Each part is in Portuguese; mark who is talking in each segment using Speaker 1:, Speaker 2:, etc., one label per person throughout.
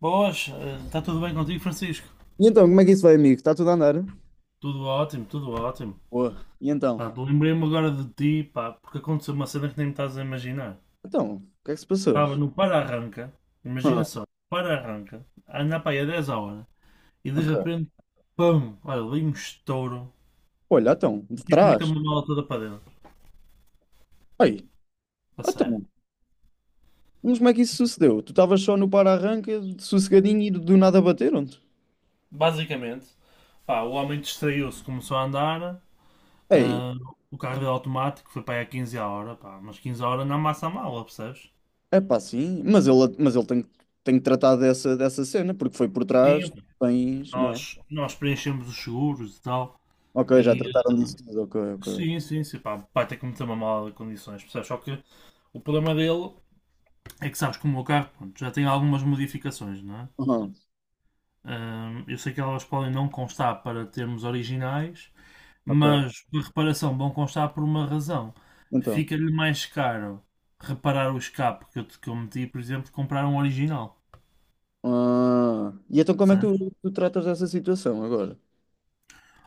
Speaker 1: Boas, está tudo bem contigo, Francisco?
Speaker 2: E então, como é que isso vai, amigo? Está tudo a andar?
Speaker 1: Tudo ótimo, tudo ótimo.
Speaker 2: Boa. E
Speaker 1: Pá,
Speaker 2: então?
Speaker 1: lembrei-me agora de ti, pá, porque aconteceu uma cena que nem me estás a imaginar.
Speaker 2: Então, o que é que se passou?
Speaker 1: Estava no para-arranca, imagina
Speaker 2: Ah,
Speaker 1: só, para-arranca, a andar para aí a 10 a hora, e de
Speaker 2: ok.
Speaker 1: repente, pum, olha, dei um estouro,
Speaker 2: Olha, então,
Speaker 1: o
Speaker 2: de
Speaker 1: tipo meteu
Speaker 2: trás.
Speaker 1: uma mala toda para dentro,
Speaker 2: Aí,
Speaker 1: a sério.
Speaker 2: então, mas como é que isso sucedeu? Tu estavas só no para-arranca, sossegadinho e do nada bateram-te?
Speaker 1: Basicamente, pá, o homem distraiu-se, começou a andar,
Speaker 2: Ei,
Speaker 1: ah, o carro dele automático foi para aí a 15 a hora, pá, mas 15 a hora não amassa a mala, percebes?
Speaker 2: é pá, sim, mas ele tem que tratar dessa cena, porque foi por trás,
Speaker 1: Sim.
Speaker 2: tens, não é?
Speaker 1: Nós preenchemos os seguros e tal.
Speaker 2: Ok, já
Speaker 1: E
Speaker 2: trataram
Speaker 1: eh,
Speaker 2: disso tudo, ok, ok.
Speaker 1: sim, sim, sim, pá, vai ter que meter uma mala de condições, percebes? Só que o problema dele é que sabes que o meu carro pronto, já tem algumas modificações, não é?
Speaker 2: Aham,
Speaker 1: Eu sei que elas podem não constar para termos originais,
Speaker 2: ok,
Speaker 1: mas por reparação vão constar por uma razão.
Speaker 2: então.
Speaker 1: Fica-lhe mais caro reparar o escape que eu meti, por exemplo, comprar um original,
Speaker 2: Ah, e então como é que
Speaker 1: percebes?
Speaker 2: tu tratas dessa situação agora?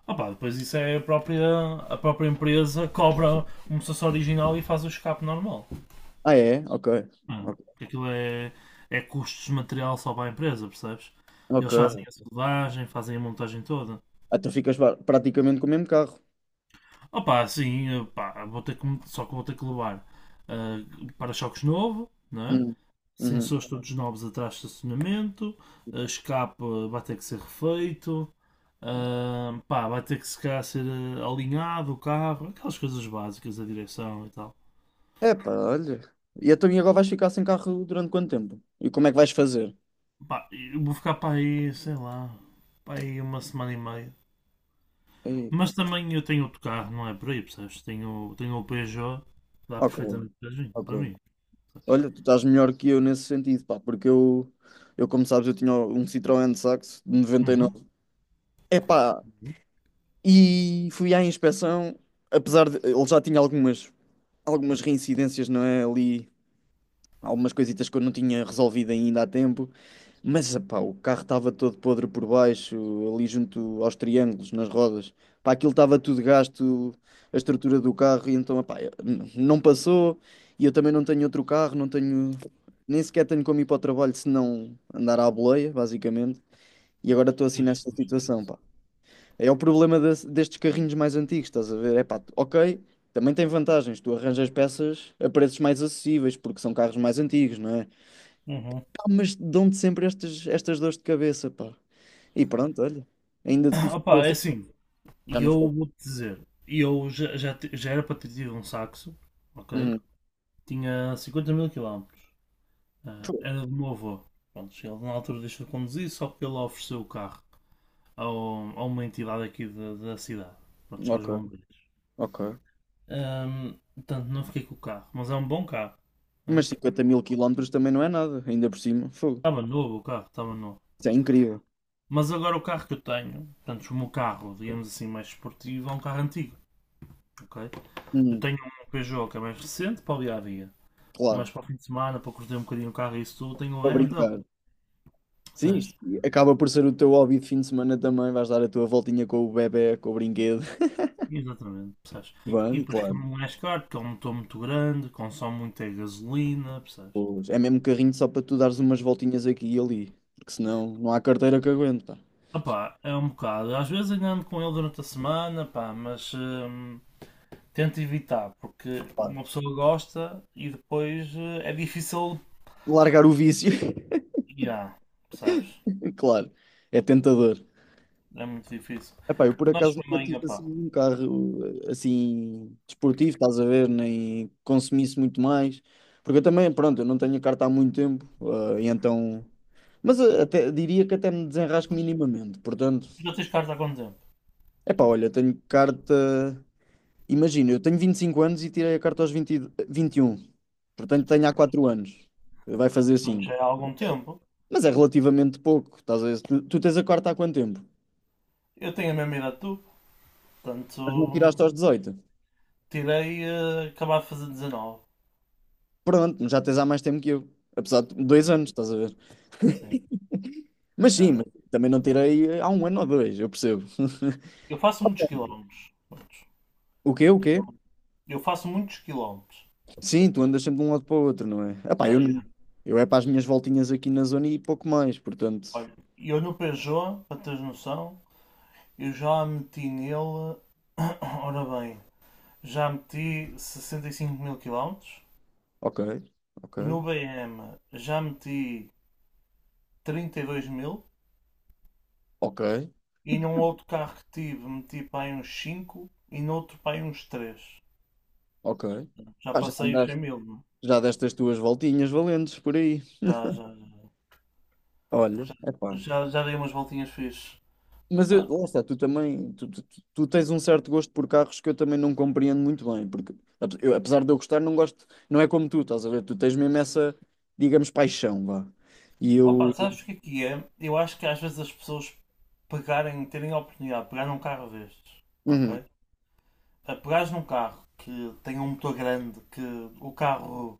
Speaker 1: Ah pá, depois isso é a própria empresa cobra um processo original e faz o escape normal.
Speaker 2: Ah, é? Ok.
Speaker 1: Hum,
Speaker 2: Ok,
Speaker 1: aquilo é, é custos de material só para a empresa, percebes?
Speaker 2: ok,
Speaker 1: Eles fazem a soldagem, fazem a montagem toda.
Speaker 2: ah, tu ficas praticamente com o mesmo carro.
Speaker 1: Opa, sim pá, vou ter que, só que vou ter que levar ah, para-choques novo, não é?
Speaker 2: Uhum. Uhum.
Speaker 1: Sensores todos novos atrás de estacionamento, escape vai ter que ser refeito, pá, vai ter que se calhar ser alinhado o carro, aquelas coisas básicas, a direção e tal.
Speaker 2: Epá, olha. E então, e agora vais ficar sem carro durante quanto tempo? E como é que vais fazer?
Speaker 1: Pá, eu vou ficar para aí, sei lá, para aí uma semana e meia.
Speaker 2: Ei,
Speaker 1: Mas também eu tenho outro carro, não é por aí, percebes? Tenho o Peugeot, dá
Speaker 2: ok,
Speaker 1: perfeitamente para mim, para
Speaker 2: ok.
Speaker 1: mim, percebes?
Speaker 2: Olha, tu estás melhor que eu nesse sentido, pá, porque eu como sabes, eu tinha um Citroën de Saxo de
Speaker 1: Uhum.
Speaker 2: 99. Epá,
Speaker 1: Uhum.
Speaker 2: e fui à inspeção, apesar de ele já tinha algumas, reincidências, não é? Ali algumas coisitas que eu não tinha resolvido ainda há tempo. Mas, pá, o carro estava todo podre por baixo, ali junto aos triângulos, nas rodas. Pá, aquilo estava tudo gasto, a estrutura do carro, e então, pá, não passou. E eu também não tenho outro carro, não tenho, nem sequer tenho como ir para o trabalho se não andar à boleia, basicamente. E agora estou assim
Speaker 1: Pois,
Speaker 2: nessa
Speaker 1: pois,
Speaker 2: situação,
Speaker 1: pois.
Speaker 2: pá. É o problema destes carrinhos mais antigos, estás a ver? É pá, ok, também tem vantagens, tu arranjas peças a preços mais acessíveis, porque são carros mais antigos, não é?
Speaker 1: Uhum.
Speaker 2: Mas dão-te sempre estas dores de cabeça, pá. E pronto, olha, ainda tive
Speaker 1: Opa, é
Speaker 2: força.
Speaker 1: assim,
Speaker 2: Já não foi.
Speaker 1: eu vou-te dizer, eu já era para ter tido um saxo, ok?
Speaker 2: Uhum.
Speaker 1: Tinha 50 mil quilómetros. Ah,
Speaker 2: Fogo.
Speaker 1: era do meu avô. Pronto, ele na altura deixou de conduzir, só que ele ofereceu o carro a uma entidade aqui da cidade, pronto, aos
Speaker 2: Ok,
Speaker 1: bombeiros.
Speaker 2: ok.
Speaker 1: Portanto, não fiquei com o carro, mas é um bom carro, né?
Speaker 2: Mas 50 mil quilómetros também não é nada, ainda por cima. Fogo.
Speaker 1: Estava novo o carro, estava novo.
Speaker 2: Isso é incrível.
Speaker 1: Mas agora o carro que eu tenho, portanto, o meu carro, digamos assim, mais esportivo, é um carro antigo, ok? Eu
Speaker 2: Uhum.
Speaker 1: tenho um Peugeot que é mais recente para o dia a dia,
Speaker 2: Claro,
Speaker 1: mas para o fim de semana, para curtir um bocadinho o carro e isso tudo, tenho um
Speaker 2: para brincar.
Speaker 1: BMW,
Speaker 2: Sim, isto
Speaker 1: percebes?
Speaker 2: acaba por ser o teu hobby de fim de semana também. Vais dar a tua voltinha com o bebé, com o brinquedo.
Speaker 1: Exatamente, percebes? E
Speaker 2: Vai,
Speaker 1: depois que
Speaker 2: claro.
Speaker 1: não é mais caro, porque é um motor muito grande, consome muita gasolina, percebes?
Speaker 2: Pois, é mesmo carrinho só para tu dares umas voltinhas aqui e ali, porque senão não há carteira que aguente, pá.
Speaker 1: Opá, é um bocado. Às vezes ainda ando com ele durante a semana, pá, mas tento evitar, porque
Speaker 2: Claro.
Speaker 1: uma pessoa gosta e depois é difícil.
Speaker 2: Largar o vício,
Speaker 1: Yeah, percebes?
Speaker 2: claro, é tentador.
Speaker 1: É muito difícil.
Speaker 2: Epá, eu por
Speaker 1: Mas
Speaker 2: acaso
Speaker 1: para
Speaker 2: nunca
Speaker 1: mim,
Speaker 2: tive
Speaker 1: opá,
Speaker 2: assim um carro assim desportivo, estás a ver, nem consumisse muito mais, porque eu também, pronto, eu não tenho a carta há muito tempo, e então, mas até diria que até me desenrasco minimamente, portanto,
Speaker 1: tu já tens carta há quanto tempo?
Speaker 2: epá, olha, tenho carta, imagina, eu tenho 25 anos e tirei a carta aos vinte e um, portanto tenho há 4 anos, vai fazer
Speaker 1: Portanto,
Speaker 2: 5,
Speaker 1: já é há algum tempo.
Speaker 2: mas é relativamente pouco, estás a ver, tu tens a carta há quanto tempo?
Speaker 1: Eu tenho a mesma idade que tu,
Speaker 2: Mas não
Speaker 1: portanto,
Speaker 2: tiraste aos 18.
Speaker 1: tirei, acabado de fazer 19.
Speaker 2: Pronto, já tens há mais tempo que eu. Apesar de dois anos, estás a ver?
Speaker 1: Sim,
Speaker 2: Mas
Speaker 1: é
Speaker 2: sim, mas
Speaker 1: verdade.
Speaker 2: também não tirei há um ano ou dois, eu percebo.
Speaker 1: Eu faço muitos quilómetros. Prontos.
Speaker 2: O quê? O
Speaker 1: E
Speaker 2: quê?
Speaker 1: Eu, eu faço muitos quilómetros.
Speaker 2: Sim, tu andas sempre de um lado para o outro, não é? Ah pá, eu
Speaker 1: Ah, eu,
Speaker 2: não. Eu é para as minhas voltinhas aqui na zona e pouco mais, portanto.
Speaker 1: Olha, eu no Peugeot, para teres noção, eu já meti nele. Ora bem, já meti 65 mil quilómetros.
Speaker 2: Ok, ok,
Speaker 1: No B M já meti 32 mil.
Speaker 2: ok,
Speaker 1: E num outro carro que tive meti para aí uns 5 e no outro para aí uns três.
Speaker 2: ok.
Speaker 1: Já
Speaker 2: Pá, já
Speaker 1: passei os 100
Speaker 2: andaste,
Speaker 1: mil.
Speaker 2: já deste as tuas voltinhas valentes por aí.
Speaker 1: Já, já,
Speaker 2: Olha,
Speaker 1: já,
Speaker 2: é
Speaker 1: já,
Speaker 2: pá.
Speaker 1: já, já dei umas voltinhas fixe.
Speaker 2: Mas eu,
Speaker 1: Pá,
Speaker 2: lá está, tu também, tu tens um certo gosto por carros que eu também não compreendo muito bem, porque eu, apesar de eu gostar, não gosto, não é como tu, estás a ver? Tu tens mesmo essa, digamos, paixão, vá. E
Speaker 1: opa,
Speaker 2: eu,
Speaker 1: sabes o que é que é? Eu acho que às vezes as pessoas pegarem, terem a oportunidade de pegar num carro destes,
Speaker 2: uhum,
Speaker 1: ok? A pegares num carro que tem um motor grande, que o carro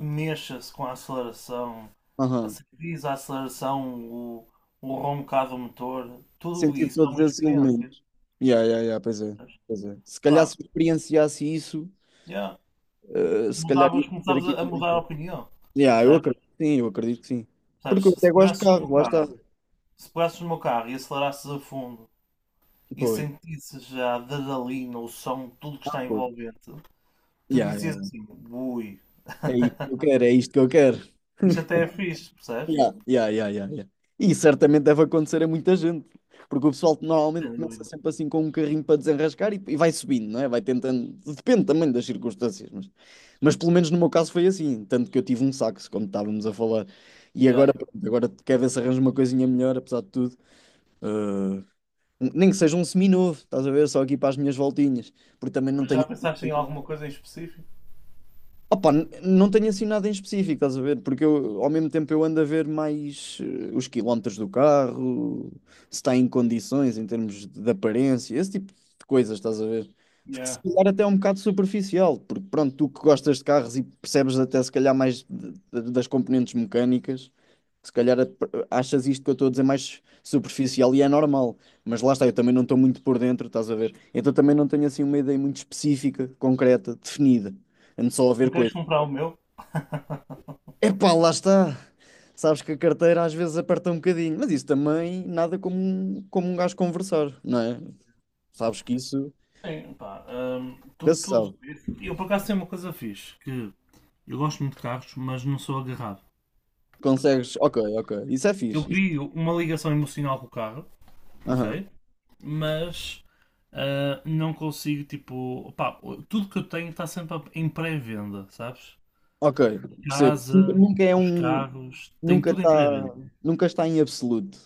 Speaker 1: mexa-se com a aceleração, a
Speaker 2: aham,
Speaker 1: serviço, a aceleração, o roncar do motor, tudo
Speaker 2: sentir
Speaker 1: isso é
Speaker 2: todos
Speaker 1: uma
Speaker 2: esses
Speaker 1: experiência.
Speaker 2: elementos. Yeah, yeah, yeah, pois é,
Speaker 1: Percebes?
Speaker 2: pois é. Se calhar
Speaker 1: Pá,
Speaker 2: se experienciasse isso,
Speaker 1: yeah.
Speaker 2: se calhar ia
Speaker 1: Mudavas,
Speaker 2: ter
Speaker 1: começavas
Speaker 2: aqui
Speaker 1: a
Speaker 2: com
Speaker 1: mudar a
Speaker 2: coisa.
Speaker 1: opinião,
Speaker 2: Yeah, eu
Speaker 1: percebes?
Speaker 2: acredito, que sim, eu acredito que sim. Porque eu
Speaker 1: Percebes?
Speaker 2: até
Speaker 1: Se
Speaker 2: gosto de
Speaker 1: pegasses no
Speaker 2: carros,
Speaker 1: meu
Speaker 2: lá está.
Speaker 1: carro, se pegasses no meu carro e acelerasses a fundo e
Speaker 2: Pois,
Speaker 1: sentisses já a adrenalina, o som, tudo que
Speaker 2: ah,
Speaker 1: está
Speaker 2: pois.
Speaker 1: envolvente, tu
Speaker 2: Yeah,
Speaker 1: dizias
Speaker 2: yeah.
Speaker 1: assim, ui,
Speaker 2: É isto que eu quero, é isto que eu quero.
Speaker 1: isto até é fixe, percebes?
Speaker 2: Yeah, yeah, yeah, yeah, yeah. E certamente deve acontecer a muita gente, porque o pessoal normalmente
Speaker 1: Sem
Speaker 2: começa
Speaker 1: dúvida.
Speaker 2: sempre assim com um carrinho para desenrascar e vai subindo, não é? Vai tentando, depende também das circunstâncias, mas pelo menos no meu caso foi assim, tanto que eu tive um saxo, como estávamos a falar, e agora,
Speaker 1: Yeah.
Speaker 2: pronto, agora quer ver se arranjo uma coisinha melhor, apesar de tudo. Ah, nem que seja um seminovo, estás a ver, só aqui para as minhas voltinhas, porque também não
Speaker 1: Mas já
Speaker 2: tenho.
Speaker 1: pensaste em alguma coisa em específico?
Speaker 2: Opa, não tenho assim nada em específico, estás a ver? Porque eu, ao mesmo tempo eu ando a ver mais os quilómetros do carro, se está em condições em termos de aparência, esse tipo de coisas, estás a ver? Que se
Speaker 1: Yeah.
Speaker 2: calhar até é um bocado superficial, porque pronto, tu que gostas de carros e percebes até se calhar mais das componentes mecânicas, se calhar achas isto que eu estou a dizer mais superficial e é normal, mas lá está, eu também não estou muito por dentro, estás a ver? Então também não tenho assim uma ideia muito específica, concreta, definida. Ando só a ver
Speaker 1: Não queres
Speaker 2: coisas.
Speaker 1: comprar o meu?
Speaker 2: Epá, lá está. Sabes que a carteira às vezes aperta um bocadinho, mas isso também nada como, como um gajo conversar, não é? Sabes que isso
Speaker 1: Bem, pá,
Speaker 2: nunca se sabe.
Speaker 1: eu por acaso tenho uma coisa fixe, que eu gosto muito de carros, mas não sou agarrado.
Speaker 2: Consegues, ok, ok, isso é
Speaker 1: Eu
Speaker 2: fixe. Isso.
Speaker 1: crio uma ligação emocional com o carro,
Speaker 2: Aham,
Speaker 1: ok? Mas não consigo, tipo, pá, tudo que eu tenho está sempre em pré-venda, sabes?
Speaker 2: ok, percebo. Nunca,
Speaker 1: Casa,
Speaker 2: nunca é
Speaker 1: os
Speaker 2: um.
Speaker 1: carros, tem
Speaker 2: Nunca
Speaker 1: tudo em
Speaker 2: está.
Speaker 1: pré-venda.
Speaker 2: Nunca está em absoluto.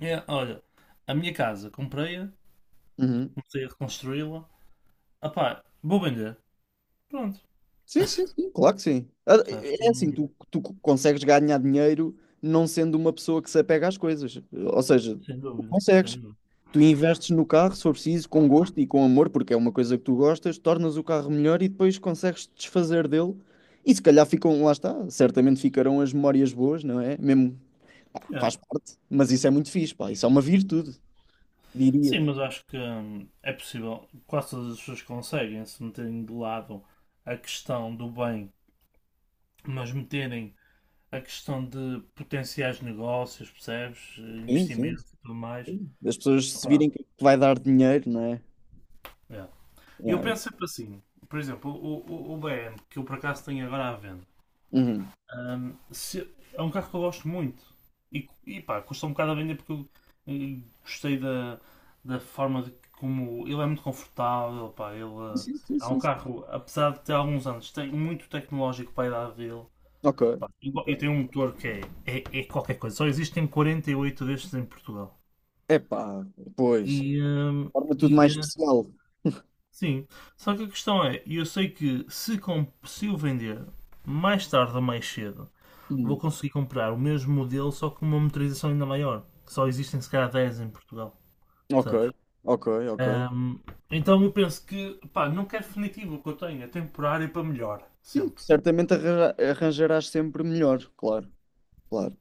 Speaker 1: É, olha, a minha casa, comprei-a,
Speaker 2: Uhum.
Speaker 1: comecei a reconstruí-la, ah pá, vou vender, pronto,
Speaker 2: Sim, sim, sim, claro que sim. Ah,
Speaker 1: sabes?
Speaker 2: é assim, tu consegues ganhar dinheiro não sendo uma pessoa que se apega às coisas. Ou seja,
Speaker 1: Sem
Speaker 2: tu
Speaker 1: dúvida, sem
Speaker 2: consegues.
Speaker 1: dúvida.
Speaker 2: Tu investes no carro, se for preciso, com gosto e com amor, porque é uma coisa que tu gostas, tornas o carro melhor e depois consegues te desfazer dele. E se calhar ficam, lá está, certamente ficarão as memórias boas, não é? Mesmo, pá,
Speaker 1: É.
Speaker 2: faz parte, mas isso é muito fixe, pá, isso é uma virtude, diria.
Speaker 1: Sim, mas acho que é possível. Quase todas as pessoas conseguem se meterem de lado a questão do bem, mas meterem a questão de potenciais negócios, percebes?
Speaker 2: Sim, sim,
Speaker 1: Investimentos e tudo mais.
Speaker 2: sim. As pessoas se
Speaker 1: Opa,
Speaker 2: virem que vai dar dinheiro, não é?
Speaker 1: é. Eu
Speaker 2: Yeah.
Speaker 1: penso sempre assim. Por exemplo, o BM, que eu por acaso tenho agora à venda,
Speaker 2: Uhum.
Speaker 1: Ahm, se- é um carro que eu gosto muito. E pá, custa um bocado a vender porque eu gostei da forma de como ele é muito confortável. Pá, ele
Speaker 2: Sim, sim,
Speaker 1: é um
Speaker 2: sim, sim.
Speaker 1: carro, apesar de ter alguns anos, tem muito tecnológico para a idade dele.
Speaker 2: Ok. Ok.
Speaker 1: Pá, e tem um motor que é qualquer coisa. Só existem 48 destes em Portugal.
Speaker 2: Epá, pois.
Speaker 1: E, ahm,
Speaker 2: Torna
Speaker 1: e
Speaker 2: tudo mais
Speaker 1: eh,
Speaker 2: especial.
Speaker 1: sim, só que a questão é: eu sei que se o vender mais tarde ou mais cedo vou
Speaker 2: Hum.
Speaker 1: conseguir comprar o mesmo modelo, só com uma motorização ainda maior. Que só existem se calhar 10 em Portugal,
Speaker 2: Ok,
Speaker 1: percebes?
Speaker 2: ok, ok.
Speaker 1: Ahm, então eu penso que, pá, não quero definitivo o que eu tenho, é temporário para melhor,
Speaker 2: Sim,
Speaker 1: sempre.
Speaker 2: certamente arranjarás sempre melhor, claro, claro.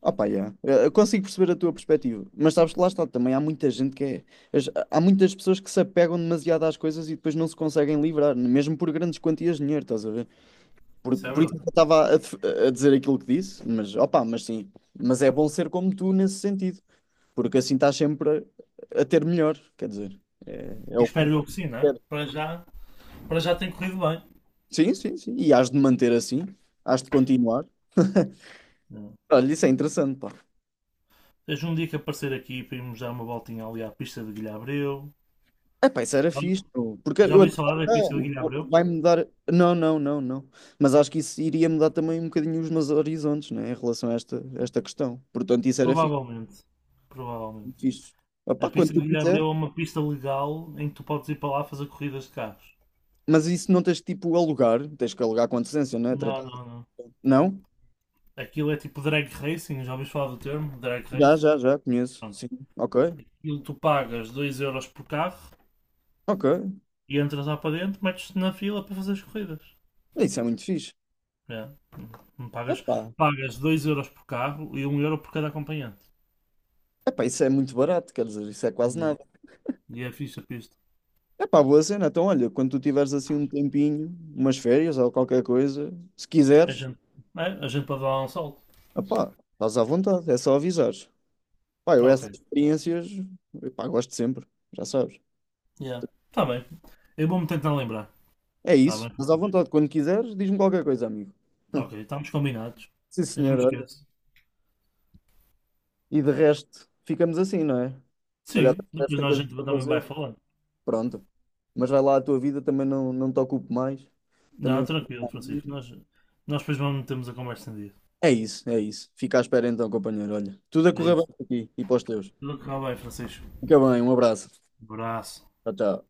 Speaker 2: Opa, yeah. Eu consigo perceber a tua perspectiva, mas sabes que lá está, também há muita gente que é. Há muitas pessoas que se apegam demasiado às coisas e depois não se conseguem livrar, mesmo por grandes quantias de dinheiro, estás a ver? Por,
Speaker 1: Isso é
Speaker 2: por isso
Speaker 1: verdade.
Speaker 2: que eu estava a dizer aquilo que disse, mas opa, mas sim. Mas é bom ser como tu nesse sentido, porque assim estás sempre a ter melhor, quer dizer, é
Speaker 1: E
Speaker 2: o que.
Speaker 1: espero eu que sim, né? Para já tem corrido bem.
Speaker 2: Sim, sim, sim. E hás de manter assim, hás de continuar.
Speaker 1: Hum.
Speaker 2: Olha, isso é interessante, pá.
Speaker 1: Seja um dia que aparecer aqui para irmos dar uma voltinha ali à pista de Guilherme Abreu.
Speaker 2: Epá, isso era fixe, pô, porque
Speaker 1: Já
Speaker 2: eu
Speaker 1: ouvi falar da
Speaker 2: ah,
Speaker 1: pista de Guilherme Abreu.
Speaker 2: vai mudar. Não, não, não, não. Mas acho que isso iria mudar também um bocadinho os meus horizontes, né, em relação a esta questão. Portanto, isso era fixe,
Speaker 1: Provavelmente. Provavelmente.
Speaker 2: muito fixe.
Speaker 1: A
Speaker 2: Epá, quando
Speaker 1: pista de
Speaker 2: tu
Speaker 1: Guilherme
Speaker 2: quiser.
Speaker 1: Abreu é uma pista legal em que tu podes ir para lá fazer corridas de carros.
Speaker 2: Mas isso não tens que, tipo alugar, tens que alugar com antecedência, não é?
Speaker 1: Não, não, não.
Speaker 2: Não?
Speaker 1: Aquilo é tipo drag racing, já ouviste falar do termo? Drag
Speaker 2: Já,
Speaker 1: race?
Speaker 2: já, já, conheço.
Speaker 1: Pronto.
Speaker 2: Sim. Ok,
Speaker 1: Aquilo tu pagas 2 euros por carro
Speaker 2: ok.
Speaker 1: e entras lá para dentro, metes-te na fila para fazer as corridas.
Speaker 2: Isso é muito fixe.
Speaker 1: É. Hum, Pagas,
Speaker 2: Epá.
Speaker 1: pagas 2€ euros por carro e 1 euro por cada acompanhante.
Speaker 2: Epá, isso é muito barato, quer dizer, isso é quase
Speaker 1: Yeah.
Speaker 2: nada.
Speaker 1: E é fixe a pista.
Speaker 2: Epá, boa cena. Então, olha, quando tu tiveres assim um tempinho, umas férias ou qualquer coisa, se
Speaker 1: A
Speaker 2: quiseres.
Speaker 1: gente, a gente pode dar lá um salto.
Speaker 2: Ah pá, estás à vontade, é só avisares. Pá, eu
Speaker 1: Ok.
Speaker 2: essas experiências, epá, gosto sempre, já sabes.
Speaker 1: Yeah. Tá bem. Eu vou-me tentar lembrar.
Speaker 2: É
Speaker 1: Tá
Speaker 2: isso,
Speaker 1: bem,
Speaker 2: estás à
Speaker 1: Francisco.
Speaker 2: vontade. Quando quiseres, diz-me qualquer coisa, amigo.
Speaker 1: Ok, estamos combinados.
Speaker 2: Sim,
Speaker 1: Eu não me
Speaker 2: senhor, olha.
Speaker 1: esqueço.
Speaker 2: E de resto, ficamos assim, não é? Se calhar
Speaker 1: Sim,
Speaker 2: também deves
Speaker 1: depois
Speaker 2: ter
Speaker 1: nós a
Speaker 2: coisas
Speaker 1: gente
Speaker 2: para
Speaker 1: também vai
Speaker 2: fazer.
Speaker 1: falar.
Speaker 2: Pronto. Mas vai lá a tua vida, também não te ocupo mais. Também
Speaker 1: Não,
Speaker 2: vou
Speaker 1: tranquilo,
Speaker 2: ficar à
Speaker 1: Francisco.
Speaker 2: minha.
Speaker 1: Nós depois vamos metemos a conversa em dia.
Speaker 2: É isso, é isso. Fica à espera então, companheiro. Olha, tudo a
Speaker 1: É
Speaker 2: correr bem
Speaker 1: isso.
Speaker 2: por aqui e para os teus.
Speaker 1: Tudo correu bem, Francisco.
Speaker 2: Fica bem, um abraço.
Speaker 1: Abraço.
Speaker 2: Tchau, tchau.